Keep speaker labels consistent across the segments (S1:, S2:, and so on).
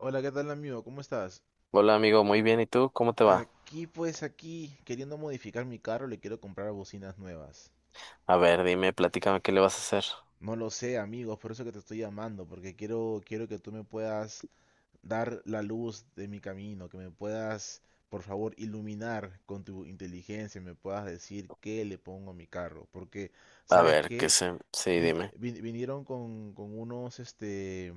S1: Hola, ¿qué tal amigo? ¿Cómo estás?
S2: Hola amigo, muy bien. ¿Y tú? ¿Cómo te va?
S1: Aquí pues aquí, queriendo modificar mi carro, le quiero comprar bocinas nuevas.
S2: A ver, dime, platícame qué le vas a hacer.
S1: No lo sé, amigos, por eso que te estoy llamando, porque quiero que tú me puedas dar la luz de mi camino, que me puedas, por favor, iluminar con tu inteligencia, me puedas decir qué le pongo a mi carro, porque
S2: A
S1: ¿sabes
S2: ver,
S1: qué?
S2: sí,
S1: Vin-
S2: dime.
S1: vin- vinieron con unos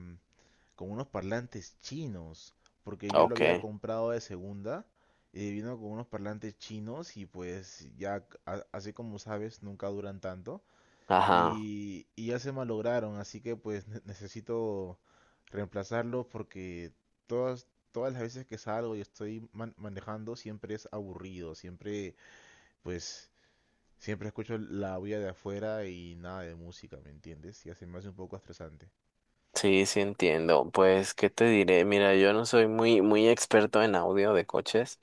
S1: con unos parlantes chinos, porque yo lo
S2: Ok.
S1: había comprado de segunda y vino con unos parlantes chinos y pues ya, así como sabes, nunca duran tanto
S2: Ajá.
S1: y, ya se malograron, así que pues necesito reemplazarlos porque todas, todas las veces que salgo y estoy manejando siempre es aburrido, siempre pues siempre escucho la bulla de afuera y nada de música, ¿me entiendes? Y así me hace un poco estresante.
S2: Sí, sí entiendo. Pues, ¿qué te diré? Mira, yo no soy muy, muy experto en audio de coches,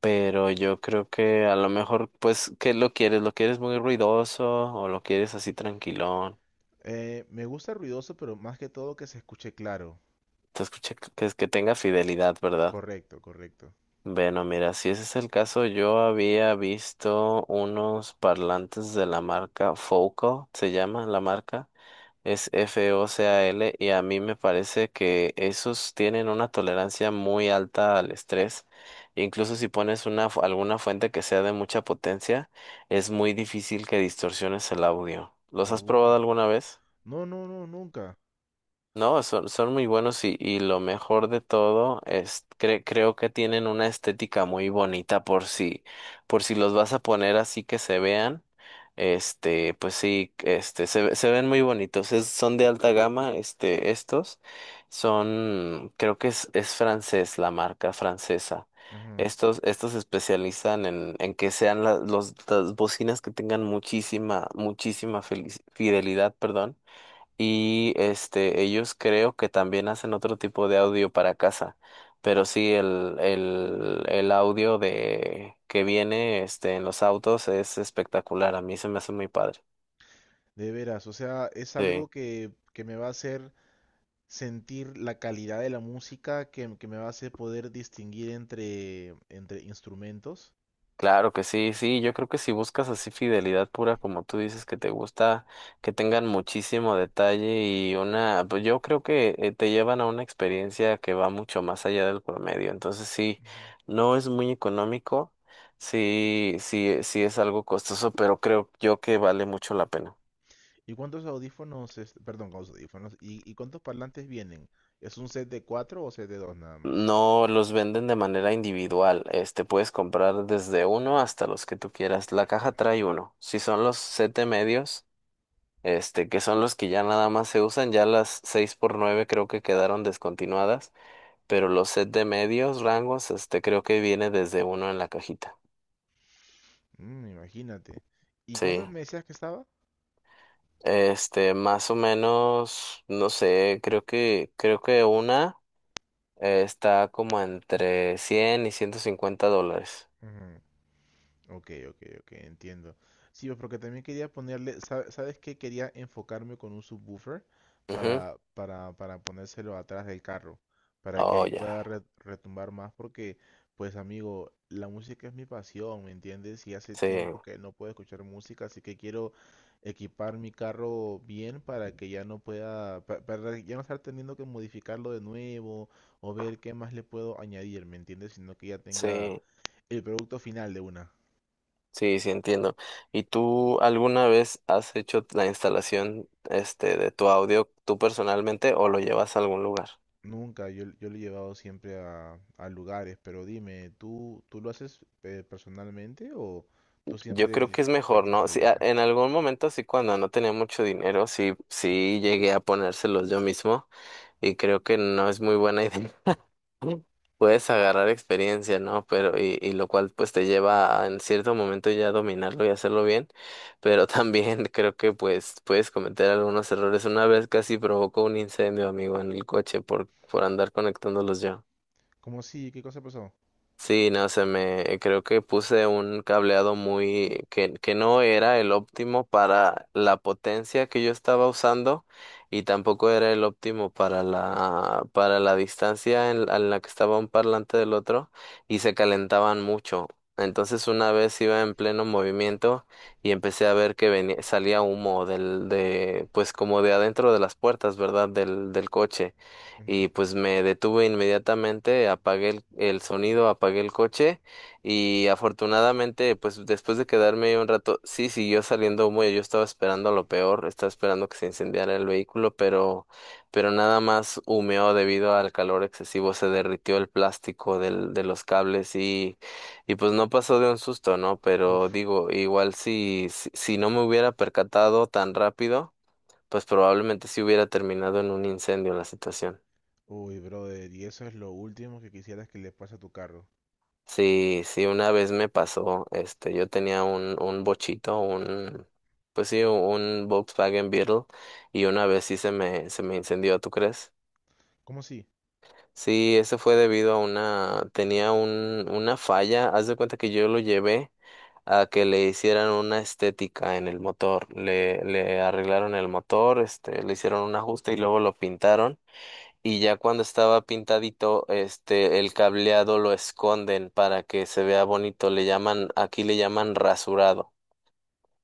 S2: pero yo creo que a lo mejor, pues, ¿qué lo quieres? ¿Lo quieres muy ruidoso o lo quieres así tranquilón?
S1: Me gusta ruidoso, pero más que todo que se escuche claro.
S2: Te escuché que tenga fidelidad, ¿verdad?
S1: Correcto, correcto.
S2: Bueno, mira, si ese es el caso, yo había visto unos parlantes de la marca Focal, se llama la marca, es Focal, y a mí me parece que esos tienen una tolerancia muy alta al estrés. Incluso si pones alguna fuente que sea de mucha potencia, es muy difícil que distorsiones el audio. ¿Los has
S1: Uh,
S2: probado alguna vez?
S1: No, no, no, nunca.
S2: No, son muy buenos, y lo mejor de todo es creo que tienen una estética muy bonita por si los vas a poner así que se vean. Pues sí, se ven muy bonitos. Son de alta gama, estos son creo que es francés, la marca francesa.
S1: Ujú.
S2: Estos se especializan en que sean la- los las bocinas, que tengan muchísima muchísima fidelidad, perdón, y ellos creo que también hacen otro tipo de audio para casa. Pero sí, el audio de que viene en los autos es espectacular. A mí se me hace muy padre.
S1: De veras, o sea, es
S2: Sí.
S1: algo que me va a hacer sentir la calidad de la música, que me va a hacer poder distinguir entre, entre instrumentos.
S2: Claro que sí, sí, yo creo que si buscas así fidelidad pura, como tú dices, que te gusta, que tengan muchísimo detalle y una, pues yo creo que te llevan a una experiencia que va mucho más allá del promedio. Entonces sí,
S1: Ujú.
S2: no es muy económico, sí, sí, sí es algo costoso, pero creo yo que vale mucho la pena.
S1: ¿Y cuántos audífonos, perdón, cuántos audífonos? Y cuántos parlantes vienen? ¿Es un set de cuatro o set de dos nada más?
S2: No los venden de manera individual, puedes comprar desde uno hasta los que tú quieras. La caja trae uno. Si son los siete medios, que son los que ya nada más se usan. Ya las 6x9 creo que quedaron descontinuadas, pero los set de medios rangos, creo que viene desde uno en la cajita.
S1: Mm, imagínate. ¿Y cuántos
S2: Sí.
S1: me decías que estaba?
S2: Más o menos, no sé, creo que una está como entre 100 y $150.
S1: Ok, ok, ok, entiendo. Sí, pues, porque también quería ponerle, ¿sabes qué? Quería enfocarme con un subwoofer
S2: Ujú.
S1: para ponérselo atrás del carro, para que
S2: Oh,
S1: ahí
S2: ya.
S1: pueda retumbar más, porque, pues amigo, la música es mi pasión, ¿me entiendes? Y hace
S2: Sí,
S1: tiempo que no puedo escuchar música, así que quiero equipar mi carro bien para que ya no pueda, para ya no estar teniendo que modificarlo de nuevo o ver qué más le puedo añadir, ¿me entiendes? Sino que ya tenga
S2: sí.
S1: el producto final de una.
S2: Sí, sí entiendo. ¿Y tú alguna vez has hecho la instalación de tu audio tú personalmente o lo llevas a algún lugar?
S1: Nunca, yo lo he llevado siempre a lugares, pero dime, ¿tú lo haces personalmente o tú
S2: Yo
S1: siempre
S2: creo que es
S1: le
S2: mejor,
S1: quitas
S2: ¿no?
S1: de
S2: Sí,
S1: ayuda?
S2: en algún momento sí, cuando no tenía mucho dinero, sí llegué a ponérselos yo mismo, y creo que no es muy buena idea. Puedes agarrar experiencia, ¿no? Pero, y lo cual pues te lleva a, en cierto momento, ya dominarlo y hacerlo bien, pero también creo que pues puedes cometer algunos errores. Una vez casi provocó un incendio, amigo, en el coche por, andar conectándolos yo.
S1: ¿Cómo sí? ¿Qué cosa pasó?
S2: Sí, no sé, me creo que puse un cableado muy, que no era el óptimo para la potencia que yo estaba usando, y tampoco era el óptimo para la distancia en la que estaba un parlante del otro, y se calentaban mucho. Entonces, una vez iba en pleno movimiento y empecé a ver que salía humo del de, pues, como de adentro de las puertas, ¿verdad? Del coche,
S1: Ujú.
S2: y pues me detuve inmediatamente, apagué el sonido, apagué el coche, y afortunadamente, pues después de quedarme ahí un rato, sí, siguió saliendo humo, y yo estaba esperando lo peor, estaba esperando que se incendiara el vehículo, pero, nada más humeó debido al calor excesivo. Se derritió el plástico de los cables, y pues no pasó de un susto, ¿no? Pero
S1: Uf,
S2: digo, igual, si no me hubiera percatado tan rápido, pues probablemente sí hubiera terminado en un incendio la situación.
S1: uy, brother, y eso es lo último que quisieras que le pase a tu carro.
S2: Sí, sí, una vez me pasó, yo tenía un, bochito, pues sí, un Volkswagen Beetle, y una vez sí se me incendió, ¿tú crees?
S1: ¿Cómo sí?
S2: Sí, eso fue debido a tenía una falla. Haz de cuenta que yo lo llevé a que le hicieran una estética en el motor, le arreglaron el motor, le hicieron un ajuste y luego lo pintaron, y ya cuando estaba pintadito, el cableado lo esconden para que se vea bonito. Le llaman, aquí le llaman rasurado.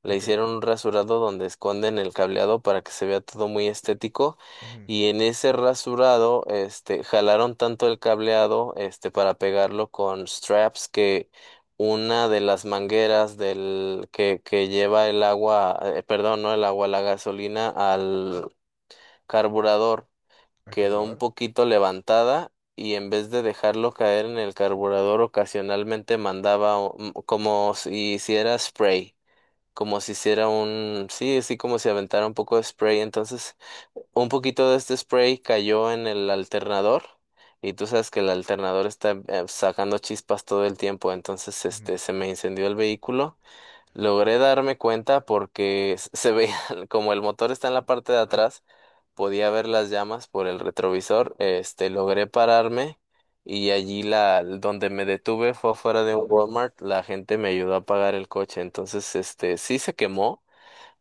S2: Le
S1: Ok,
S2: hicieron un rasurado donde esconden el cableado para que se vea todo muy estético.
S1: ujú.
S2: Y en ese rasurado, jalaron tanto el cableado, para pegarlo con straps, que una de las mangueras del, que lleva el agua, perdón, no el agua, la gasolina al carburador,
S1: ¿Al
S2: quedó un
S1: carburador?
S2: poquito levantada, y en vez de dejarlo caer en el carburador ocasionalmente mandaba como si hiciera spray, como si hiciera sí, así, como si aventara un poco de spray. Entonces, un poquito de este spray cayó en el alternador, y tú sabes que el alternador está, sacando chispas todo el tiempo, entonces
S1: Ujú.
S2: se me incendió el vehículo. Logré darme cuenta porque se veía como el motor está en la parte de atrás, podía ver las llamas por el retrovisor. Logré pararme, y allí donde me detuve fue afuera de un Walmart. La gente me ayudó a apagar el coche. Entonces, sí se quemó,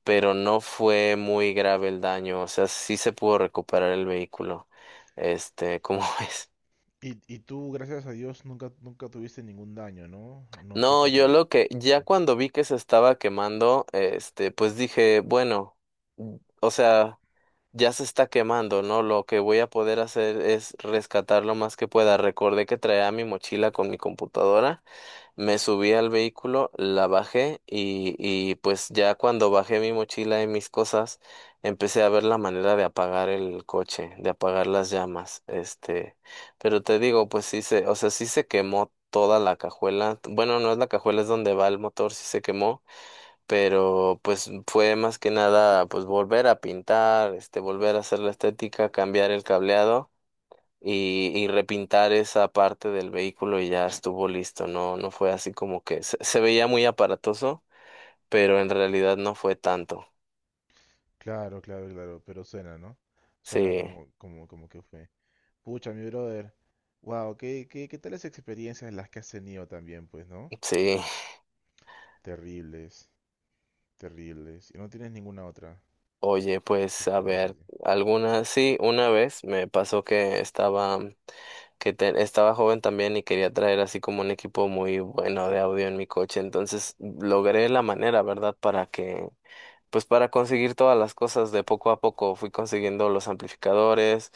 S2: pero no fue muy grave el daño, o sea, sí se pudo recuperar el vehículo. ¿Cómo ves?
S1: Y tú, gracias a Dios, nunca, nunca tuviste ningún daño, ¿no? No te
S2: No,
S1: hiciste daño.
S2: ya
S1: Ujú.
S2: cuando vi que se estaba quemando, pues dije, bueno, o sea, ya se está quemando, ¿no? Lo que voy a poder hacer es rescatar lo más que pueda. Recordé que traía mi mochila con mi computadora, me subí al vehículo, la bajé, y pues ya cuando bajé mi mochila y mis cosas, empecé a ver la manera de apagar el coche, de apagar las llamas. Pero te digo, pues o sea, sí se quemó toda la cajuela. Bueno, no es la cajuela, es donde va el motor. Sí se quemó, pero pues fue más que nada pues volver a pintar, volver a hacer la estética, cambiar el cableado, y repintar esa parte del vehículo, y ya estuvo listo. No, no fue así como que se veía muy aparatoso, pero en realidad no fue tanto.
S1: Claro, claro, claro, pero suena, ¿no? Suena
S2: Sí,
S1: como, como, como que fue. Pucha, mi brother. Wow, ¿qué, qué, qué tales experiencias las que has tenido también, pues, ¿no?
S2: sí.
S1: Terribles, terribles. Y no tienes ninguna otra
S2: Oye, pues, a
S1: experiencia
S2: ver,
S1: así.
S2: alguna, sí, una vez me pasó que estaba, que estaba joven también, y quería traer así como un equipo muy bueno de audio en mi coche. Entonces logré la manera, ¿verdad? Pues para conseguir todas las cosas de poco a poco, fui consiguiendo los amplificadores,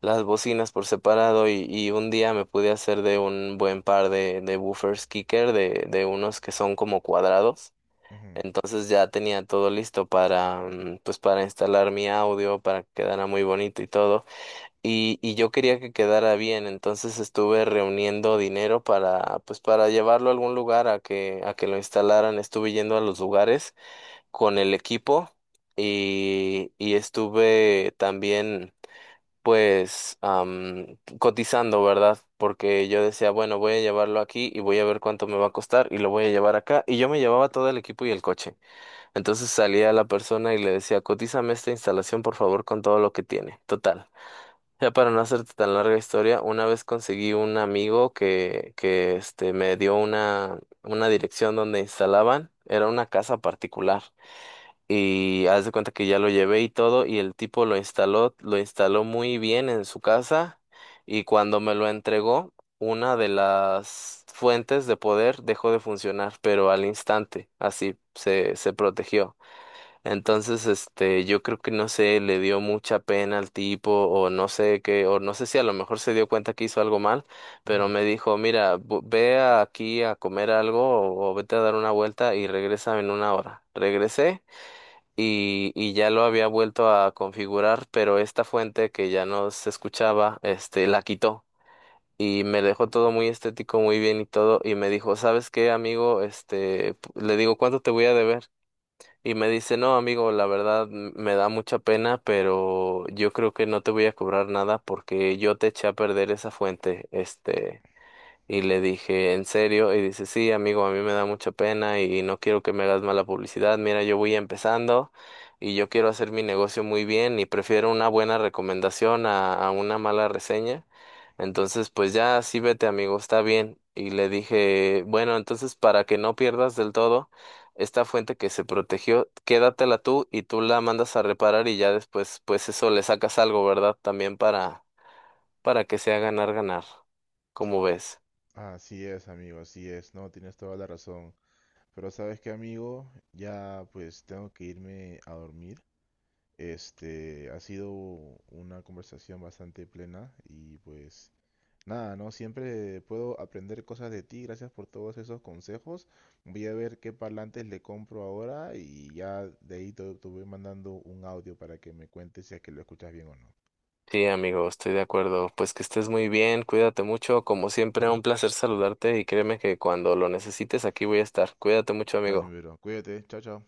S2: las bocinas por separado, y, un día me pude hacer de un buen par de, woofers kicker, de unos que son como cuadrados.
S1: Ujú,
S2: Entonces ya tenía todo listo para, pues para instalar mi audio, para que quedara muy bonito y todo. Y yo quería que quedara bien, entonces estuve reuniendo dinero para, pues para llevarlo a algún lugar a que, lo instalaran. Estuve yendo a los lugares con el equipo, y estuve también, pues, cotizando, ¿verdad? Porque yo decía, bueno, voy a llevarlo aquí y voy a ver cuánto me va a costar, y lo voy a llevar acá. Y yo me llevaba todo el equipo y el coche. Entonces salía la persona y le decía, cotízame esta instalación por favor, con todo lo que tiene. Total. Ya, para no hacerte tan larga historia, una vez conseguí un amigo, que me dio una dirección donde instalaban. Era una casa particular. Y haz de cuenta que ya lo llevé y todo, y el tipo lo instaló muy bien en su casa. Y cuando me lo entregó, una de las fuentes de poder dejó de funcionar, pero al instante, así se protegió. Entonces, yo creo que no sé, le dio mucha pena al tipo, o no sé qué, o no sé si a lo mejor se dio cuenta que hizo algo mal, pero
S1: ujú.
S2: me dijo, mira, aquí a comer algo, o vete a dar una vuelta y regresa en una hora. Regresé, y ya lo había vuelto a configurar, pero esta fuente que ya no se escuchaba, la quitó. Y me dejó todo muy estético, muy bien y todo, y me dijo, ¿sabes qué, amigo? Le digo, ¿cuánto te voy a deber? Y me dice, no, amigo, la verdad, me da mucha pena, pero yo creo que no te voy a cobrar nada, porque yo te eché a perder esa fuente. Y le dije, ¿en serio? Y dice, sí, amigo, a mí me da mucha pena y no quiero que me hagas mala publicidad. Mira, yo voy empezando, y yo quiero hacer mi negocio muy bien, y prefiero una buena recomendación a una mala reseña. Entonces, pues ya, sí, vete, amigo, está bien. Y le dije, bueno, entonces, para que no pierdas del todo esta fuente que se protegió, quédatela tú y tú la mandas a reparar, y ya después, pues, eso, le sacas algo, ¿verdad? También para que sea ganar, ganar. ¿Cómo ves?
S1: Así es, amigo, así es. No, tienes toda la razón. Pero sabes qué, amigo, ya pues tengo que irme a dormir. Ha sido una conversación bastante plena y pues nada, ¿no? Siempre puedo aprender cosas de ti. Gracias por todos esos consejos. Voy a ver qué parlantes le compro ahora y ya de ahí te, te voy mandando un audio para que me cuentes si es que lo escuchas bien o no.
S2: Sí, amigo, estoy de acuerdo. Pues que estés muy bien, cuídate mucho. Como siempre, un placer saludarte, y créeme que cuando lo necesites aquí voy a estar. Cuídate mucho,
S1: Dale,
S2: amigo.
S1: mi bro. Cuídate. Chao, chao.